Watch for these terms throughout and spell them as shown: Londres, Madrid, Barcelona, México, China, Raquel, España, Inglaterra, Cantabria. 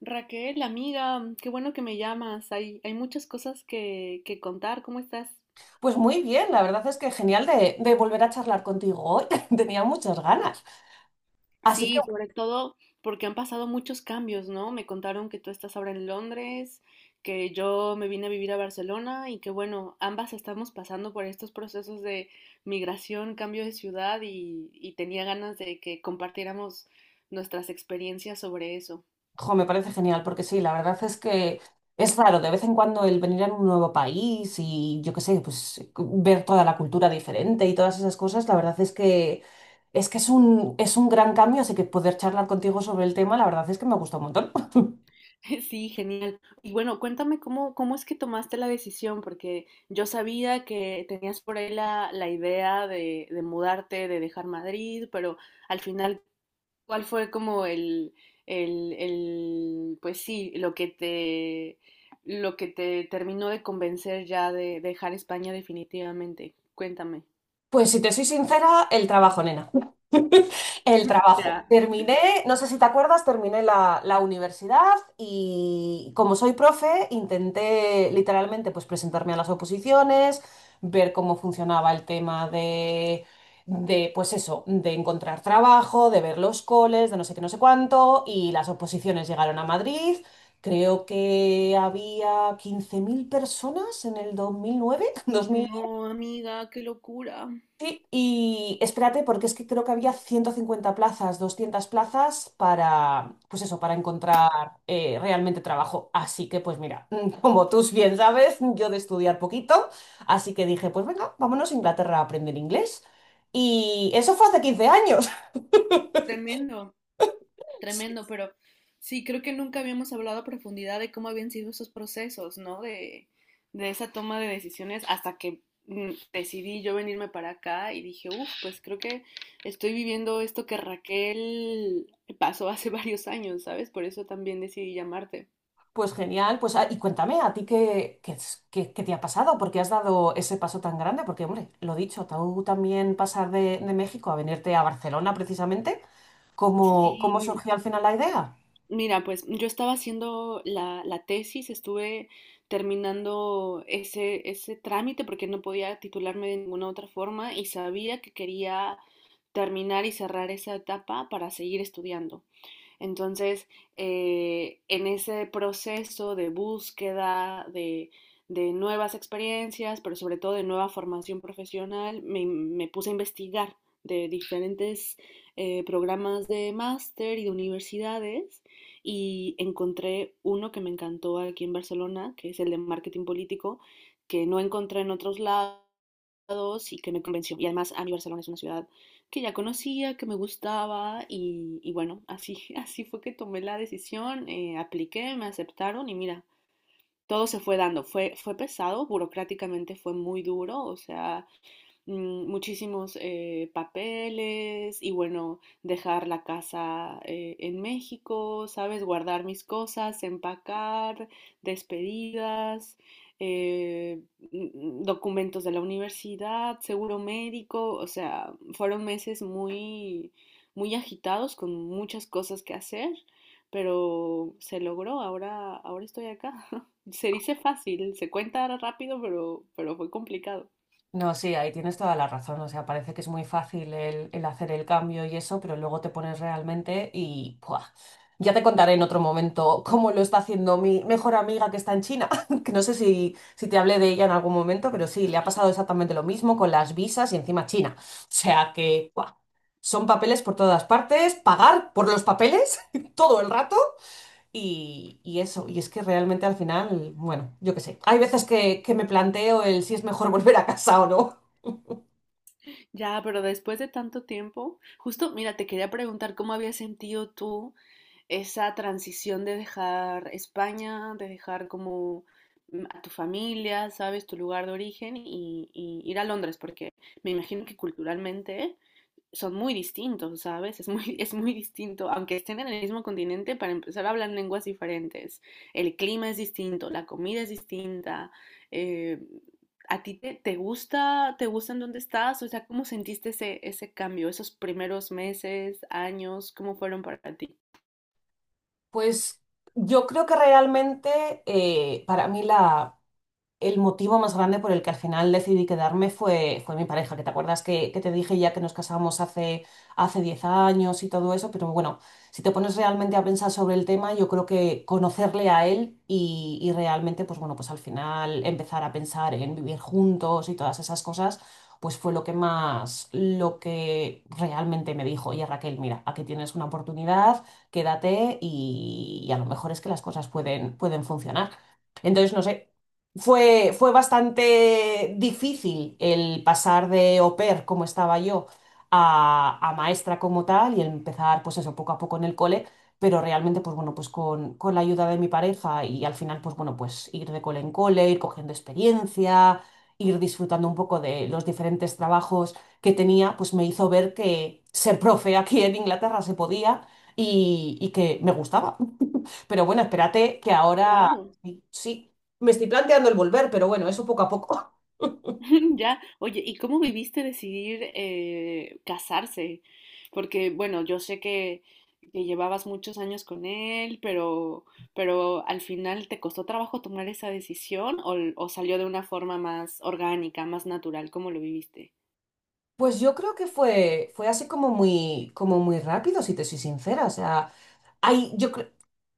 Raquel, amiga, qué bueno que me llamas. Hay muchas cosas que contar. ¿Cómo estás? Pues muy bien, la verdad es que genial de volver a charlar contigo hoy. Tenía muchas ganas. Así que, Sí, sobre todo porque han pasado muchos cambios, ¿no? Me contaron que tú estás ahora en Londres, que yo me vine a vivir a Barcelona y que bueno, ambas estamos pasando por estos procesos de migración, cambio de ciudad y tenía ganas de que compartiéramos nuestras experiencias sobre eso. jo, me parece genial, porque sí, la verdad es que es raro de vez en cuando el venir a un nuevo país y yo qué sé, pues ver toda la cultura diferente y todas esas cosas, la verdad es que es un gran cambio, así que poder charlar contigo sobre el tema, la verdad es que me gusta un montón. Sí, genial. Y bueno, cuéntame cómo es que tomaste la decisión, porque yo sabía que tenías por ahí la idea de mudarte, de dejar Madrid, pero al final, ¿cuál fue como el pues sí, lo que te terminó de convencer ya de dejar España definitivamente? Cuéntame. Pues si te soy sincera, el trabajo, nena. El trabajo. Ya. Terminé, no sé si te acuerdas, terminé la universidad y como soy profe, intenté literalmente pues presentarme a las oposiciones, ver cómo funcionaba el tema de pues eso, de encontrar trabajo, de ver los coles, de no sé qué, no sé cuánto, y las oposiciones llegaron a Madrid. Creo que había 15.000 personas en el 2009. No, amiga, qué locura. Sí, y espérate, porque es que creo que había 150 plazas, 200 plazas para, pues eso, para encontrar realmente trabajo. Así que, pues mira, como tú bien sabes, yo de estudiar poquito, así que dije, pues venga, vámonos a Inglaterra a aprender inglés. Y eso fue hace 15 años. Tremendo. Sí. Tremendo, pero sí, creo que nunca habíamos hablado a profundidad de cómo habían sido esos procesos, ¿no? De esa toma de decisiones hasta que decidí yo venirme para acá y dije, uff, pues creo que estoy viviendo esto que Raquel pasó hace varios años, ¿sabes? Por eso también decidí llamarte. Pues genial, pues ah, y cuéntame, ¿a ti qué te ha pasado? ¿Por qué has dado ese paso tan grande? Porque, hombre, lo dicho, tú también pasar de México a venirte a Barcelona precisamente. ¿Cómo Sí, surgió al final la idea? mira, pues yo estaba haciendo la tesis, estuve terminando ese trámite porque no podía titularme de ninguna otra forma y sabía que quería terminar y cerrar esa etapa para seguir estudiando. Entonces, en ese proceso de búsqueda de nuevas experiencias, pero sobre todo de nueva formación profesional, me puse a investigar de diferentes programas de máster y de universidades y encontré uno que me encantó aquí en Barcelona, que es el de marketing político, que no encontré en otros lados y que me convenció. Y además a mí Barcelona es una ciudad que ya conocía, que me gustaba y bueno, así, así fue que tomé la decisión, apliqué, me aceptaron y mira, todo se fue dando. Fue pesado, burocráticamente fue muy duro, o sea, muchísimos papeles y bueno, dejar la casa en México, ¿sabes? Guardar mis cosas, empacar, despedidas, eh, mm, documentos de la universidad, seguro médico, o sea, fueron meses muy, muy agitados con muchas cosas que hacer. Pero se logró, ahora estoy acá. Se dice fácil, se cuenta rápido, pero fue complicado. No, sí, ahí tienes toda la razón. O sea, parece que es muy fácil el hacer el cambio y eso, pero luego te pones realmente y ¡buah! Ya te contaré en otro momento cómo lo está haciendo mi mejor amiga que está en China, que no sé si te hablé de ella en algún momento, pero sí, le ha pasado exactamente lo mismo con las visas y encima China. O sea que, ¡buah! Son papeles por todas partes, pagar por los papeles todo el rato. Y eso, y es que realmente al final, bueno, yo qué sé, hay veces que me planteo el si es mejor volver a casa o no. Ya, pero después de tanto tiempo, justo, mira, te quería preguntar cómo habías sentido tú esa transición de dejar España, de dejar como a tu familia, sabes, tu lugar de origen y ir a Londres, porque me imagino que culturalmente son muy distintos, ¿sabes? Es muy distinto, aunque estén en el mismo continente, para empezar hablan lenguas diferentes. El clima es distinto, la comida es distinta. eh, ¿A ti te gusta en dónde estás? O sea, ¿cómo sentiste ese cambio, esos primeros meses, años? ¿Cómo fueron para ti? Pues yo creo que realmente para mí el motivo más grande por el que al final decidí quedarme fue mi pareja, que te acuerdas que te dije ya que nos casamos hace 10 años y todo eso, pero bueno, si te pones realmente a pensar sobre el tema, yo creo que conocerle a él y realmente, pues bueno, pues al final empezar a pensar en vivir juntos y todas esas cosas, pues fue lo que más, lo que realmente me dijo, oye Raquel, mira, aquí tienes una oportunidad, quédate y a lo mejor es que las cosas pueden funcionar. Entonces, no sé. Fue bastante difícil el pasar de au pair, como estaba yo, a maestra como tal y empezar, pues eso, poco a poco en el cole, pero realmente, pues bueno, pues con la ayuda de mi pareja y al final, pues bueno, pues ir de cole en cole, ir cogiendo experiencia, ir disfrutando un poco de los diferentes trabajos que tenía, pues me hizo ver que ser profe aquí en Inglaterra se podía y que me gustaba. Pero bueno, espérate que ahora Claro. sí, sí, me estoy planteando el volver, pero bueno, eso poco a poco. Ya, oye, ¿y cómo viviste decidir casarse? Porque, bueno, yo sé que llevabas muchos años con él, pero al final ¿te costó trabajo tomar esa decisión o salió de una forma más orgánica, más natural? ¿Cómo lo viviste? Pues yo creo que fue así como muy rápido, si te soy sincera. O sea, hay, yo creo.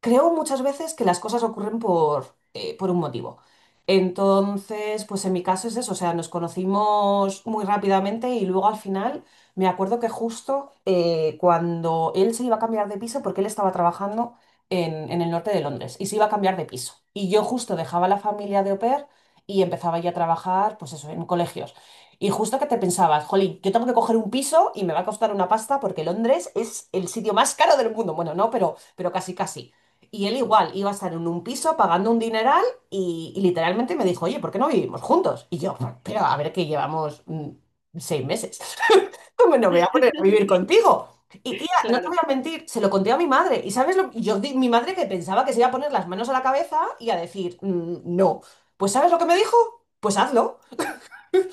Creo muchas veces que las cosas ocurren por un motivo. Entonces, pues en mi caso es eso, o sea, nos conocimos muy rápidamente y luego al final me acuerdo que justo cuando él se iba a cambiar de piso, porque él estaba trabajando en el norte de Londres y se iba a cambiar de piso. Y yo justo dejaba la familia de au pair y empezaba ya a trabajar, pues eso, en colegios. Y justo que te pensabas, jolín, yo tengo que coger un piso y me va a costar una pasta porque Londres es el sitio más caro del mundo. Bueno, no, pero casi casi. Y él igual iba a estar en un piso pagando un dineral y literalmente me dijo, oye, ¿por qué no vivimos juntos? Y yo, pero a ver que llevamos 6 meses. ¿Cómo no me voy a poner a vivir Sí, contigo? Y tía, no te voy claro, a mentir, se lo conté a mi madre. ¿Y sabes lo que mi madre que pensaba que se iba a poner las manos a la cabeza y a decir, "Mm, no." Pues ¿sabes lo que me dijo? Pues hazlo.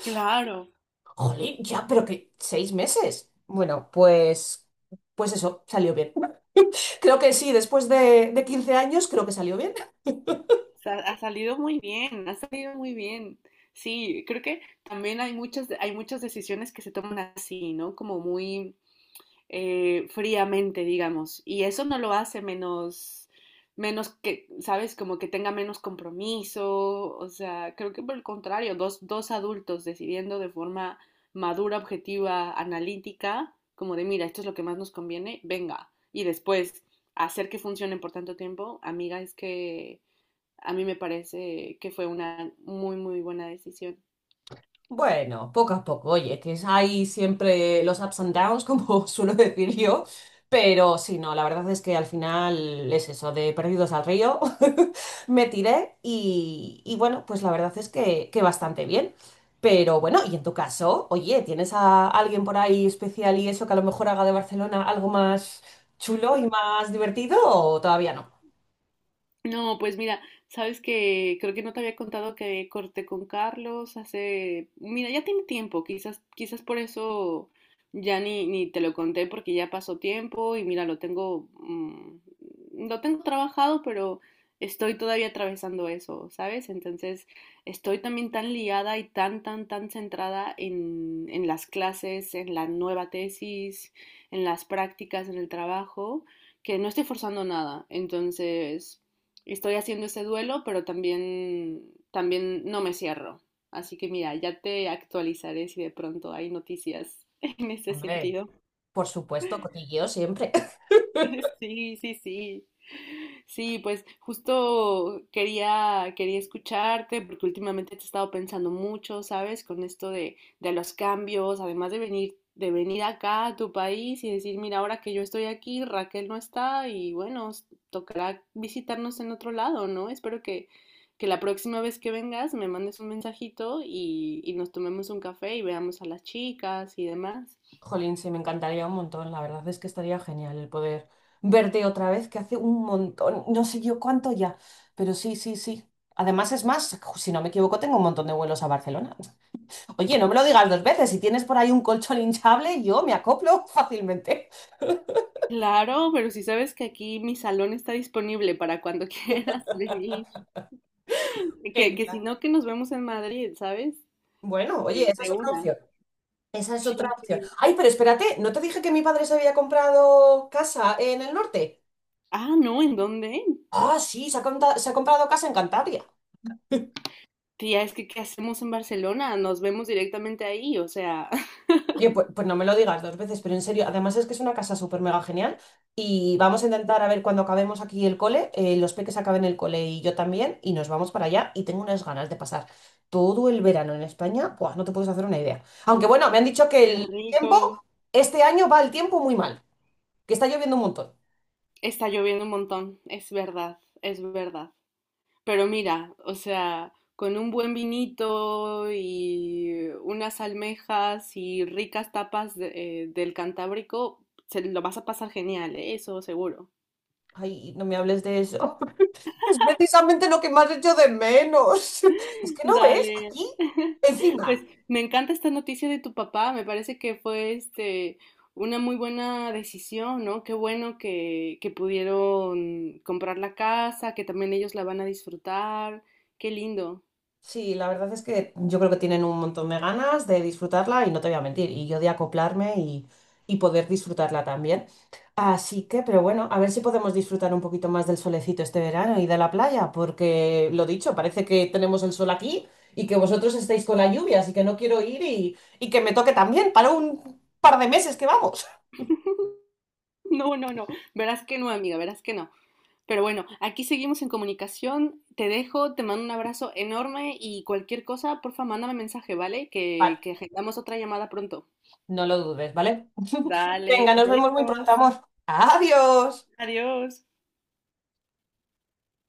claro, Jolín, ya, pero que 6 meses. Bueno, pues eso, salió bien. Creo que sí, después de 15 años, creo que salió bien. Ha salido muy bien, ha salido muy bien. Sí, creo que también hay muchas decisiones que se toman así, ¿no? Como muy fríamente, digamos. Y eso no lo hace menos que, ¿sabes? Como que tenga menos compromiso. O sea, creo que por el contrario, dos adultos decidiendo de forma madura, objetiva, analítica, como de, mira, esto es lo que más nos conviene, venga. Y después hacer que funcione por tanto tiempo, amiga, es que a mí me parece que fue una muy, muy buena decisión. Bueno, poco a poco, oye, que hay siempre los ups and downs, como suelo decir yo, pero sí, no, la verdad es que al final es eso, de perdidos al río, me tiré y bueno, pues la verdad es que bastante bien. Pero bueno, y en tu caso, oye, ¿tienes a alguien por ahí especial y eso que a lo mejor haga de Barcelona algo más chulo y más divertido o todavía no? No, pues mira, sabes que creo que no te había contado que corté con Carlos hace, mira, ya tiene tiempo, quizás por eso ya ni te lo conté porque ya pasó tiempo y mira, lo tengo trabajado, pero estoy todavía atravesando eso, ¿sabes? Entonces, estoy también tan liada y tan centrada en las clases, en la nueva tesis, en las prácticas, en el trabajo que no estoy forzando nada. Entonces, estoy haciendo ese duelo, pero también no me cierro. Así que mira, ya te actualizaré si de pronto hay noticias en ese Hombre, sentido. por supuesto, cotilleo siempre. Sí, sí, sí. Sí, pues justo quería escucharte porque últimamente te he estado pensando mucho, ¿sabes? Con esto de los cambios, además de venir acá a tu país y decir, mira, ahora que yo estoy aquí, Raquel no está y bueno, tocará visitarnos en otro lado, ¿no? Espero que la próxima vez que vengas me mandes un mensajito y nos tomemos un café y veamos a las chicas y demás. Jolín, sí, me encantaría un montón. La verdad es que estaría genial el poder verte otra vez, que hace un montón, no sé yo cuánto ya, pero sí, sí, sí. Además, es más, si no me equivoco, tengo un montón de vuelos a Barcelona. Oye, no me lo digas dos veces. Si tienes por ahí un colchón hinchable, yo me acoplo fácilmente. Claro, pero si sabes que aquí mi salón está disponible para cuando quieras venir, que si Genial. no, que nos vemos en Madrid, ¿sabes? Bueno, oye, esa De es otra una. opción. Esa es otra Sí, opción. sí. Ay, pero espérate, ¿no te dije que mi padre se había comprado casa en el norte? Ah, no, ¿en dónde? Ah, sí, se ha comprado casa en Cantabria. Tía, es que ¿qué hacemos en Barcelona? Nos vemos directamente ahí, o sea, Oye, pues no me lo digas dos veces, pero en serio, además es que es una casa súper mega genial y vamos a intentar a ver cuando acabemos aquí el cole, los peques acaben el cole y yo también y nos vamos para allá y tengo unas ganas de pasar todo el verano en España. Buah, no te puedes hacer una idea. Aunque bueno, me han dicho que qué el tiempo, rico. este año va el tiempo muy mal, que está lloviendo un montón. Está lloviendo un montón, es verdad, es verdad. Pero mira, o sea, con un buen vinito y unas almejas y ricas tapas del Cantábrico, se lo vas a pasar genial, ¿eh? Eso seguro. Ay, no me hables de eso. Es precisamente lo que más hecho de menos. Es que no ves, Dale. aquí, Pues encima. me encanta esta noticia de tu papá, me parece que fue una muy buena decisión, ¿no? Qué bueno que pudieron comprar la casa, que también ellos la van a disfrutar. Qué lindo. Sí, la verdad es que yo creo que tienen un montón de ganas de disfrutarla y no te voy a mentir, y yo de acoplarme y poder disfrutarla también. Así que, pero bueno, a ver si podemos disfrutar un poquito más del solecito este verano y de la playa, porque lo dicho, parece que tenemos el sol aquí y que vosotros estáis con la lluvia, así que no quiero ir y que me toque también para un par de meses que vamos. No, no, no. Verás que no, amiga, verás que no. Pero bueno, aquí seguimos en comunicación. Te dejo, te mando un abrazo enorme y cualquier cosa, porfa, mándame mensaje, ¿vale? Vale, Que agendamos otra llamada pronto. no lo dudes, ¿vale? Dale, Venga, nos vemos muy pronto, besos, amor. Adiós. adiós.